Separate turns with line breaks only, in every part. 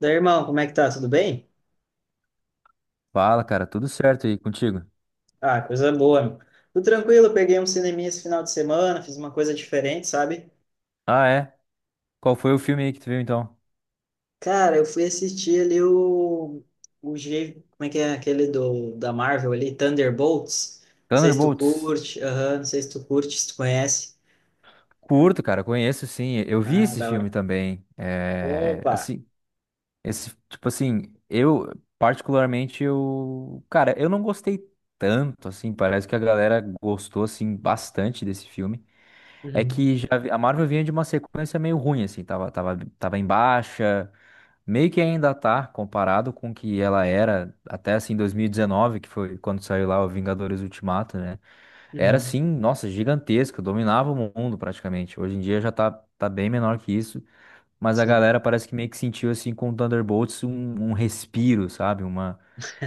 Daí, irmão, como é que tá? Tudo bem?
Fala, cara, tudo certo aí contigo?
Ah, coisa boa, meu. Tudo tranquilo, peguei um cineminha esse final de semana, fiz uma coisa diferente, sabe?
Ah, é? Qual foi o filme aí que tu viu então?
Cara, eu fui assistir ali, como é que é aquele da Marvel ali, Thunderbolts. Não sei se tu
Thunderbolts.
curte, aham, não sei se tu curte, se tu conhece.
Curto, cara, conheço sim. Eu vi
Ah,
esse
da
filme
hora.
também. É,
Opa!
assim, esse, tipo assim, eu particularmente eu, cara, eu não gostei tanto assim, parece que a galera gostou assim bastante desse filme. É
Uhum,
que já, a Marvel vinha de uma sequência meio ruim, assim, tava em baixa, meio que ainda tá, comparado com o que ela era até, assim, 2019, que foi quando saiu lá o Vingadores Ultimato, né? Era,
uhum,
assim, nossa, gigantesca, dominava o mundo praticamente. Hoje em dia já tá, tá bem menor que isso, mas a
sim.
galera parece que meio que sentiu, assim, com o Thunderbolts um, um respiro, sabe? Uma,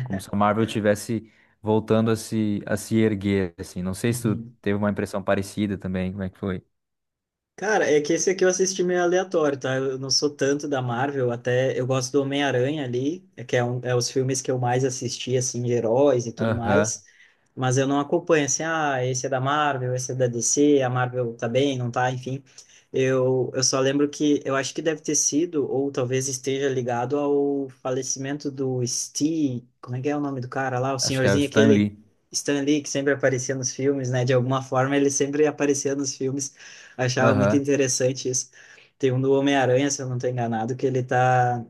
como se a Marvel tivesse voltando a se erguer, assim. Não sei se tu
Uhum.
teve uma impressão parecida também, como é que foi?
Cara, é que esse aqui eu assisti meio aleatório, tá? Eu não sou tanto da Marvel, até eu gosto do Homem-Aranha ali, é os filmes que eu mais assisti, assim, de heróis e tudo
Aham.
mais, mas eu não acompanho, assim, ah, esse é da Marvel, esse é da DC, a Marvel tá bem, não tá, enfim. Eu só lembro que eu acho que deve ter sido, ou talvez esteja ligado ao falecimento do Steve, como é que é o nome do cara lá? O
Acho que é o
senhorzinho
Stan
aquele
Lee.
Stan Lee, que sempre aparecia nos filmes, né? De alguma forma ele sempre aparecia nos filmes. Achava muito
Aham.
interessante isso. Tem um do Homem-Aranha, se eu não estou enganado, que ele tá.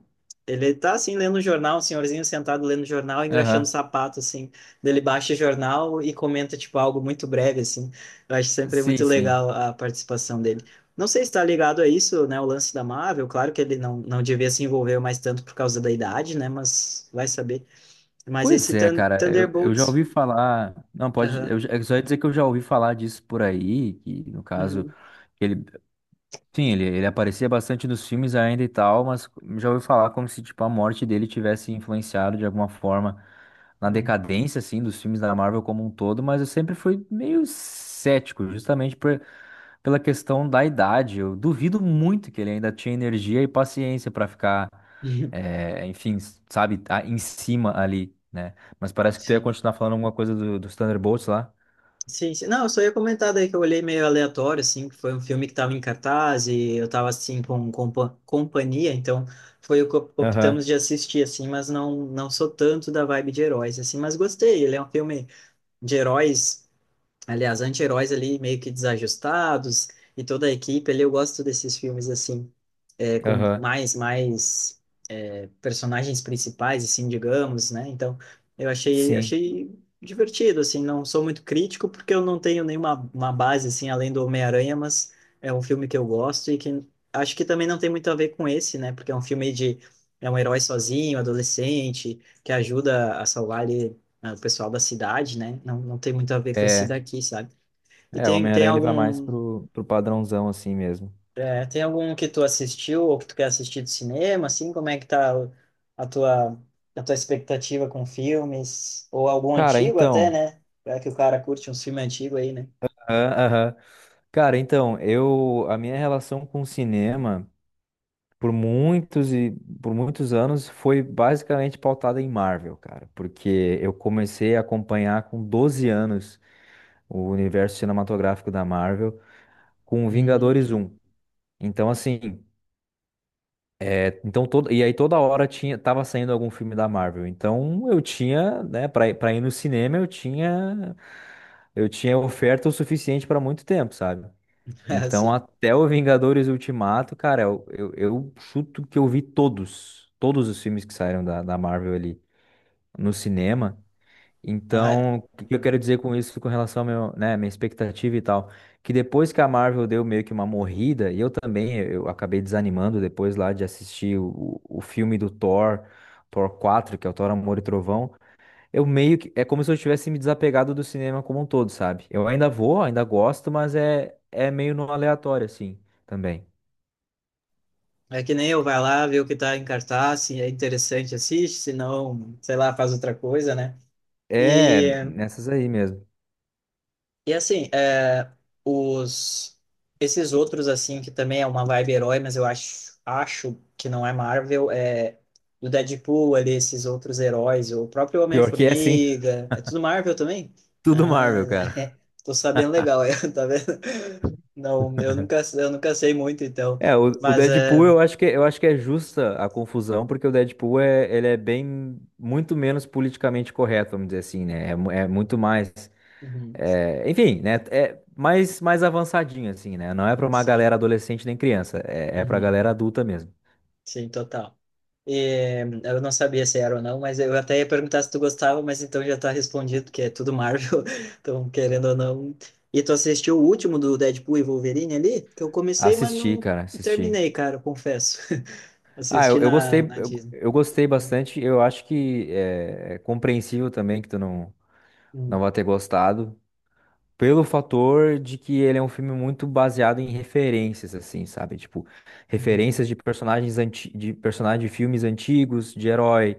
Ele tá assim lendo o jornal, um senhorzinho sentado lendo o jornal, engraxando o
Aham.
sapato, assim. Daí ele baixa o jornal e comenta, tipo, algo muito breve, assim. Eu acho sempre
Sim,
muito
sim.
legal a participação dele. Não sei se está ligado a isso, né? O lance da Marvel. Claro que ele não, não devia se envolver mais tanto por causa da idade, né? Mas vai saber. Mas
Pois
esse
é, cara, eu já
Thunderbolts.
ouvi falar. Não, pode.
Aham.
Eu só ia dizer que eu já ouvi falar disso por aí, que no caso,
Uhum.
ele. Sim, ele aparecia bastante nos filmes ainda e tal, mas já ouvi falar como se, tipo, a morte dele tivesse influenciado de alguma forma na
Uhum.
decadência, assim, dos filmes da Marvel como um todo, mas eu sempre fui meio cético, justamente por, pela questão da idade. Eu duvido muito que ele ainda tinha energia e paciência para ficar, enfim, sabe, tá em cima ali, né? Mas parece que tu ia
Sim.
continuar falando alguma coisa dos Thunderbolts lá.
Sim, sim. Não, eu só ia comentar daí que eu olhei meio aleatório, assim, que foi um filme que tava em cartaz e eu tava, assim, com companhia, então foi o que optamos
Aham,
de assistir, assim, mas não, não sou tanto da vibe de heróis, assim, mas gostei. Ele é um filme de heróis, aliás, anti-heróis ali, meio que desajustados e toda a equipe ali, eu gosto desses filmes, assim, é, com
aham,
mais personagens principais, assim, digamos, né? Então, eu achei,
sim.
achei divertido, assim, não sou muito crítico porque eu não tenho nenhuma uma base, assim, além do Homem-Aranha, mas é um filme que eu gosto e que acho que também não tem muito a ver com esse, né? Porque é um filme de... é um herói sozinho, adolescente, que ajuda a salvar ali, né, o pessoal da cidade, né? Não, não tem muito a ver com esse
É,
daqui, sabe? E
é, o
tem, tem
Homem-Aranha ele vai mais
algum
pro padrãozão assim mesmo.
é, tem algum que tu assistiu ou que tu quer assistir do cinema, assim? Como é que tá a tua, a tua expectativa com filmes? Ou algum
Cara,
antigo até,
então.
né? É que o cara curte uns filmes antigos aí, né?
Aham, aham. Cara, então, eu, a minha relação com o cinema. por muitos e por muitos anos foi basicamente pautada em Marvel, cara, porque eu comecei a acompanhar com 12 anos o universo cinematográfico da Marvel com Vingadores
Hum.
um. Então assim, é, então todo, e aí toda hora tinha tava saindo algum filme da Marvel. Então eu tinha, né, para para ir pra ir no cinema, eu tinha oferta o suficiente para muito tempo, sabe?
É
Então,
assim.
até o Vingadores Ultimato, cara, eu chuto que eu vi todos, todos os filmes que saíram da Marvel ali no cinema.
Ah, é.
Então, o que eu
Uhum.
quero dizer com isso, com relação ao meu, né, minha expectativa e tal, que depois que a Marvel deu meio que uma morrida, e eu também, eu acabei desanimando depois lá de assistir o filme do Thor, Thor 4, que é o Thor Amor e Trovão, eu meio que. É como se eu tivesse me desapegado do cinema como um todo, sabe? Eu ainda vou, ainda gosto, mas é, é meio no aleatório, assim, também.
É que nem eu, vai lá, vê o que tá em cartaz, se é interessante, assiste, se não, sei lá, faz outra coisa, né?
É,
E
nessas aí mesmo.
E assim, é, os esses outros assim que também é uma vibe herói, mas eu acho que não é Marvel, é do Deadpool ali, esses outros heróis, o próprio
Pior que é, sim,
Homem-Formiga, é tudo Marvel também?
tudo
Ah,
Marvel, cara.
né? Tô sabendo legal, eu, tá vendo? Não, eu nunca sei muito então,
É, o
mas é,
Deadpool eu acho que é justa a confusão, porque o Deadpool é, ele é bem, muito menos politicamente correto, vamos dizer assim, né? É, é muito mais,
uhum,
é, enfim, né? É mais, mais avançadinho, assim, né? Não é pra uma
sei.
galera adolescente nem criança, é, é pra
Uhum.
galera adulta mesmo.
Sim, total. E, eu não sabia se era ou não, mas eu até ia perguntar se tu gostava, mas então já tá respondido, que é tudo Marvel, então querendo ou não. E tu assistiu o último do Deadpool e Wolverine ali? Que eu comecei, mas
Assisti,
não
cara, assisti.
terminei, cara, confesso.
Ah,
Assisti
eu
na,
gostei,
na Disney.
eu gostei bastante. Eu acho que é, é compreensível também que tu não, não
Uhum,
vai ter gostado, pelo fator de que ele é um filme muito baseado em referências, assim, sabe? Tipo,
uhum,
referências de personagens anti, de personagens de filmes antigos, de herói.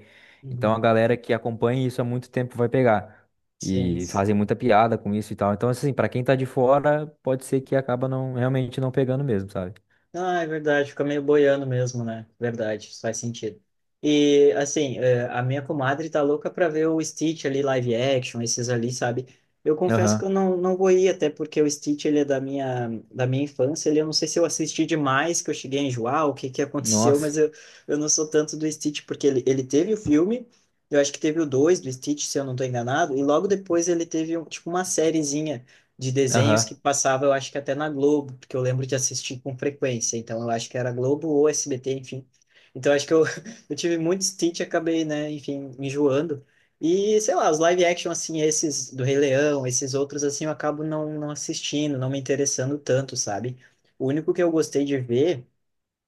Então
uhum.
a galera que acompanha isso há muito tempo vai pegar.
Sim.
E fazem muita piada com isso e tal. Então, assim, pra quem tá de fora, pode ser que acaba não, realmente não pegando mesmo, sabe?
Ah, é verdade, fica meio boiando mesmo, né? Verdade, isso faz sentido. E, assim, é, a minha comadre tá louca pra ver o Stitch ali, live action, esses ali, sabe? Eu confesso que eu
Aham.
não, não vou ir, até porque o Stitch, ele é da minha infância, ele, eu não sei se eu assisti demais, que eu cheguei a enjoar, o que que aconteceu, mas
Nossa.
eu não sou tanto do Stitch, porque ele teve o filme, eu acho que teve o 2 do Stitch, se eu não tô enganado, e logo depois ele teve, tipo, uma sériezinha, de desenhos que
Aham.
passava, eu acho que até na Globo, porque eu lembro de assistir com frequência. Então, eu acho que era Globo ou SBT, enfim. Então, acho que eu, eu tive muito stint e acabei, né, enfim, me enjoando. E, sei lá, os live action, assim, esses do Rei Leão, esses outros, assim, eu acabo não, não assistindo, não me interessando tanto, sabe? O único que eu gostei de ver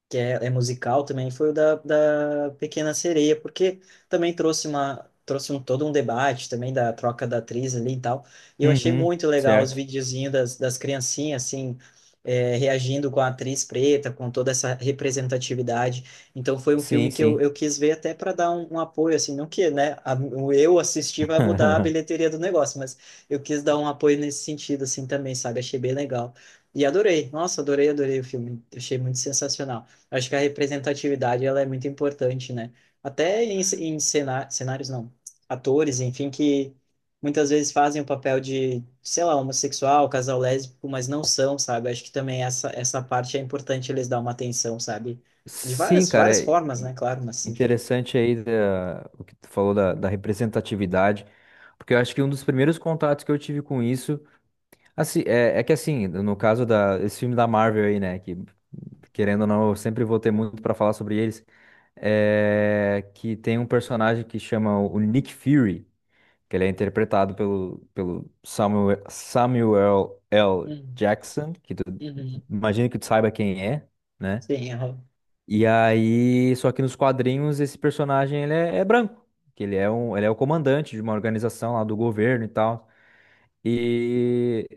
que é, é musical também, foi o da, da Pequena Sereia, porque também trouxe um todo um debate também da troca da atriz ali e tal. E eu achei
Uhum,
muito legal os
certo.
videozinhos das, das criancinhas, assim, é, reagindo com a atriz preta, com toda essa representatividade. Então foi um filme
Sim,
que eu,
sim.
eu quis ver até para dar um, um apoio, assim, não que, né, a, o eu assistir vai mudar a bilheteria do negócio, mas eu quis dar um apoio nesse sentido, assim, também, sabe? Achei bem legal. E adorei, nossa, adorei, adorei o filme, achei muito sensacional. Acho que a representatividade ela é muito importante, né? Até em, cenários, não, atores, enfim, que muitas vezes fazem o papel de, sei lá, homossexual, casal lésbico, mas não são, sabe? Acho que também essa parte é importante eles dar uma atenção, sabe? De
Sim,
várias,
cara,
várias
é
formas, né? Claro, mas enfim.
interessante aí da- o que tu falou da representatividade, porque eu acho que um dos primeiros contatos que eu tive com isso, assim, é, é que assim, no caso da, esse filme da Marvel aí, né, que querendo ou não, eu sempre vou ter muito pra falar sobre eles, é que tem um personagem que chama o Nick Fury, que ele é interpretado pelo Samuel, Samuel L.
Uhum,
Jackson, que tu
uhum.
imagina que tu saiba quem é, né?
Sim, aham.
E aí, só que nos quadrinhos esse personagem ele é, é branco, que ele é um, ele é o comandante de uma organização lá do governo e tal. E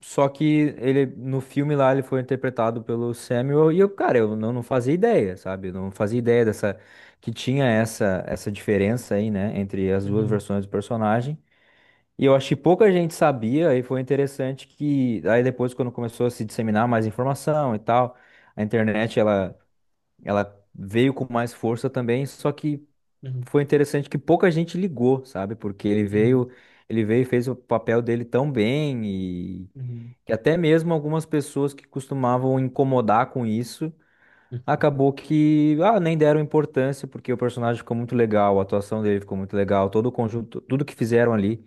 só que ele no filme lá ele foi interpretado pelo Samuel e eu, cara, eu não, não fazia ideia, sabe? Eu não fazia ideia dessa que tinha essa diferença aí, né, entre as duas
Uhum,
versões do personagem. E eu acho que pouca gente sabia, e foi interessante que aí depois quando começou a se disseminar mais informação e tal, a internet ela ela veio com mais força também, só que
uhum,
foi interessante que pouca gente ligou, sabe? Porque ele
uhum,
veio, ele veio e fez o papel dele tão bem e
uhum, uhum,
que até mesmo algumas pessoas que costumavam incomodar com isso
uhum,
acabou que ah, nem deram importância, porque o personagem ficou muito legal, a atuação dele ficou muito legal, todo o conjunto, tudo que fizeram ali,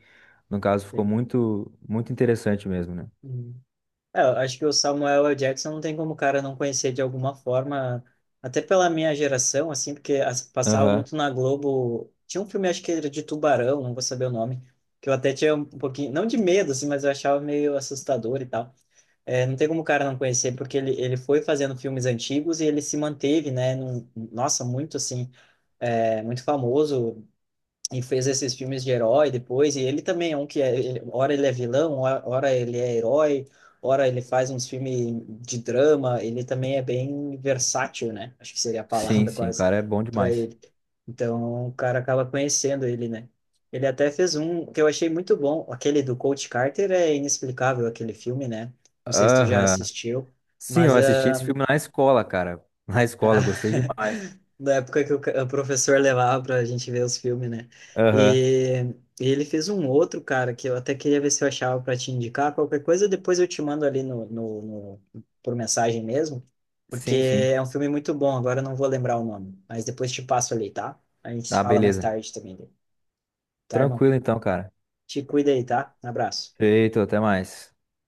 no caso, ficou
sim.
muito, muito interessante mesmo, né?
Uhum. É, eu acho que o Samuel L. Jackson não tem como o cara não conhecer de alguma forma, até pela minha geração, assim, porque passava
Aham.
muito na Globo. Tinha um filme, acho que era de Tubarão, não vou saber o nome, que eu até tinha um pouquinho, não de medo, assim, mas eu achava meio assustador e tal. É, não tem como o cara não conhecer, porque ele foi fazendo filmes antigos e ele se manteve, né? Nossa, muito, assim, é, muito famoso e fez esses filmes de herói depois, e ele também é um que é, ele, ora ele é vilão, ora ele é herói, ora ele faz uns filmes de drama, ele também é bem versátil, né? Acho que seria a
Sim,
palavra
sim, o
quase
cara é bom
para
demais.
ele. Então, o cara acaba conhecendo ele, né? Ele até fez um que eu achei muito bom, aquele do Coach Carter, é inexplicável aquele filme, né? Não sei se tu já
Aham.
assistiu,
Sim,
mas
eu assisti
ah,
esse filme na escola, cara. Na
ah,
escola, gostei demais.
da época que o professor levava pra gente ver os filmes, né?
Aham.
E, e ele fez um outro, cara, que eu até queria ver se eu achava pra te indicar. Qualquer coisa, depois eu te mando ali por mensagem mesmo, porque
Sim, sim.
é um filme muito bom. Agora eu não vou lembrar o nome, mas depois te passo ali, tá? A gente se
Ah,
fala mais
beleza.
tarde também, tá, irmão?
Tranquilo então, cara.
Te cuida aí, tá? Um abraço.
Feito, até mais.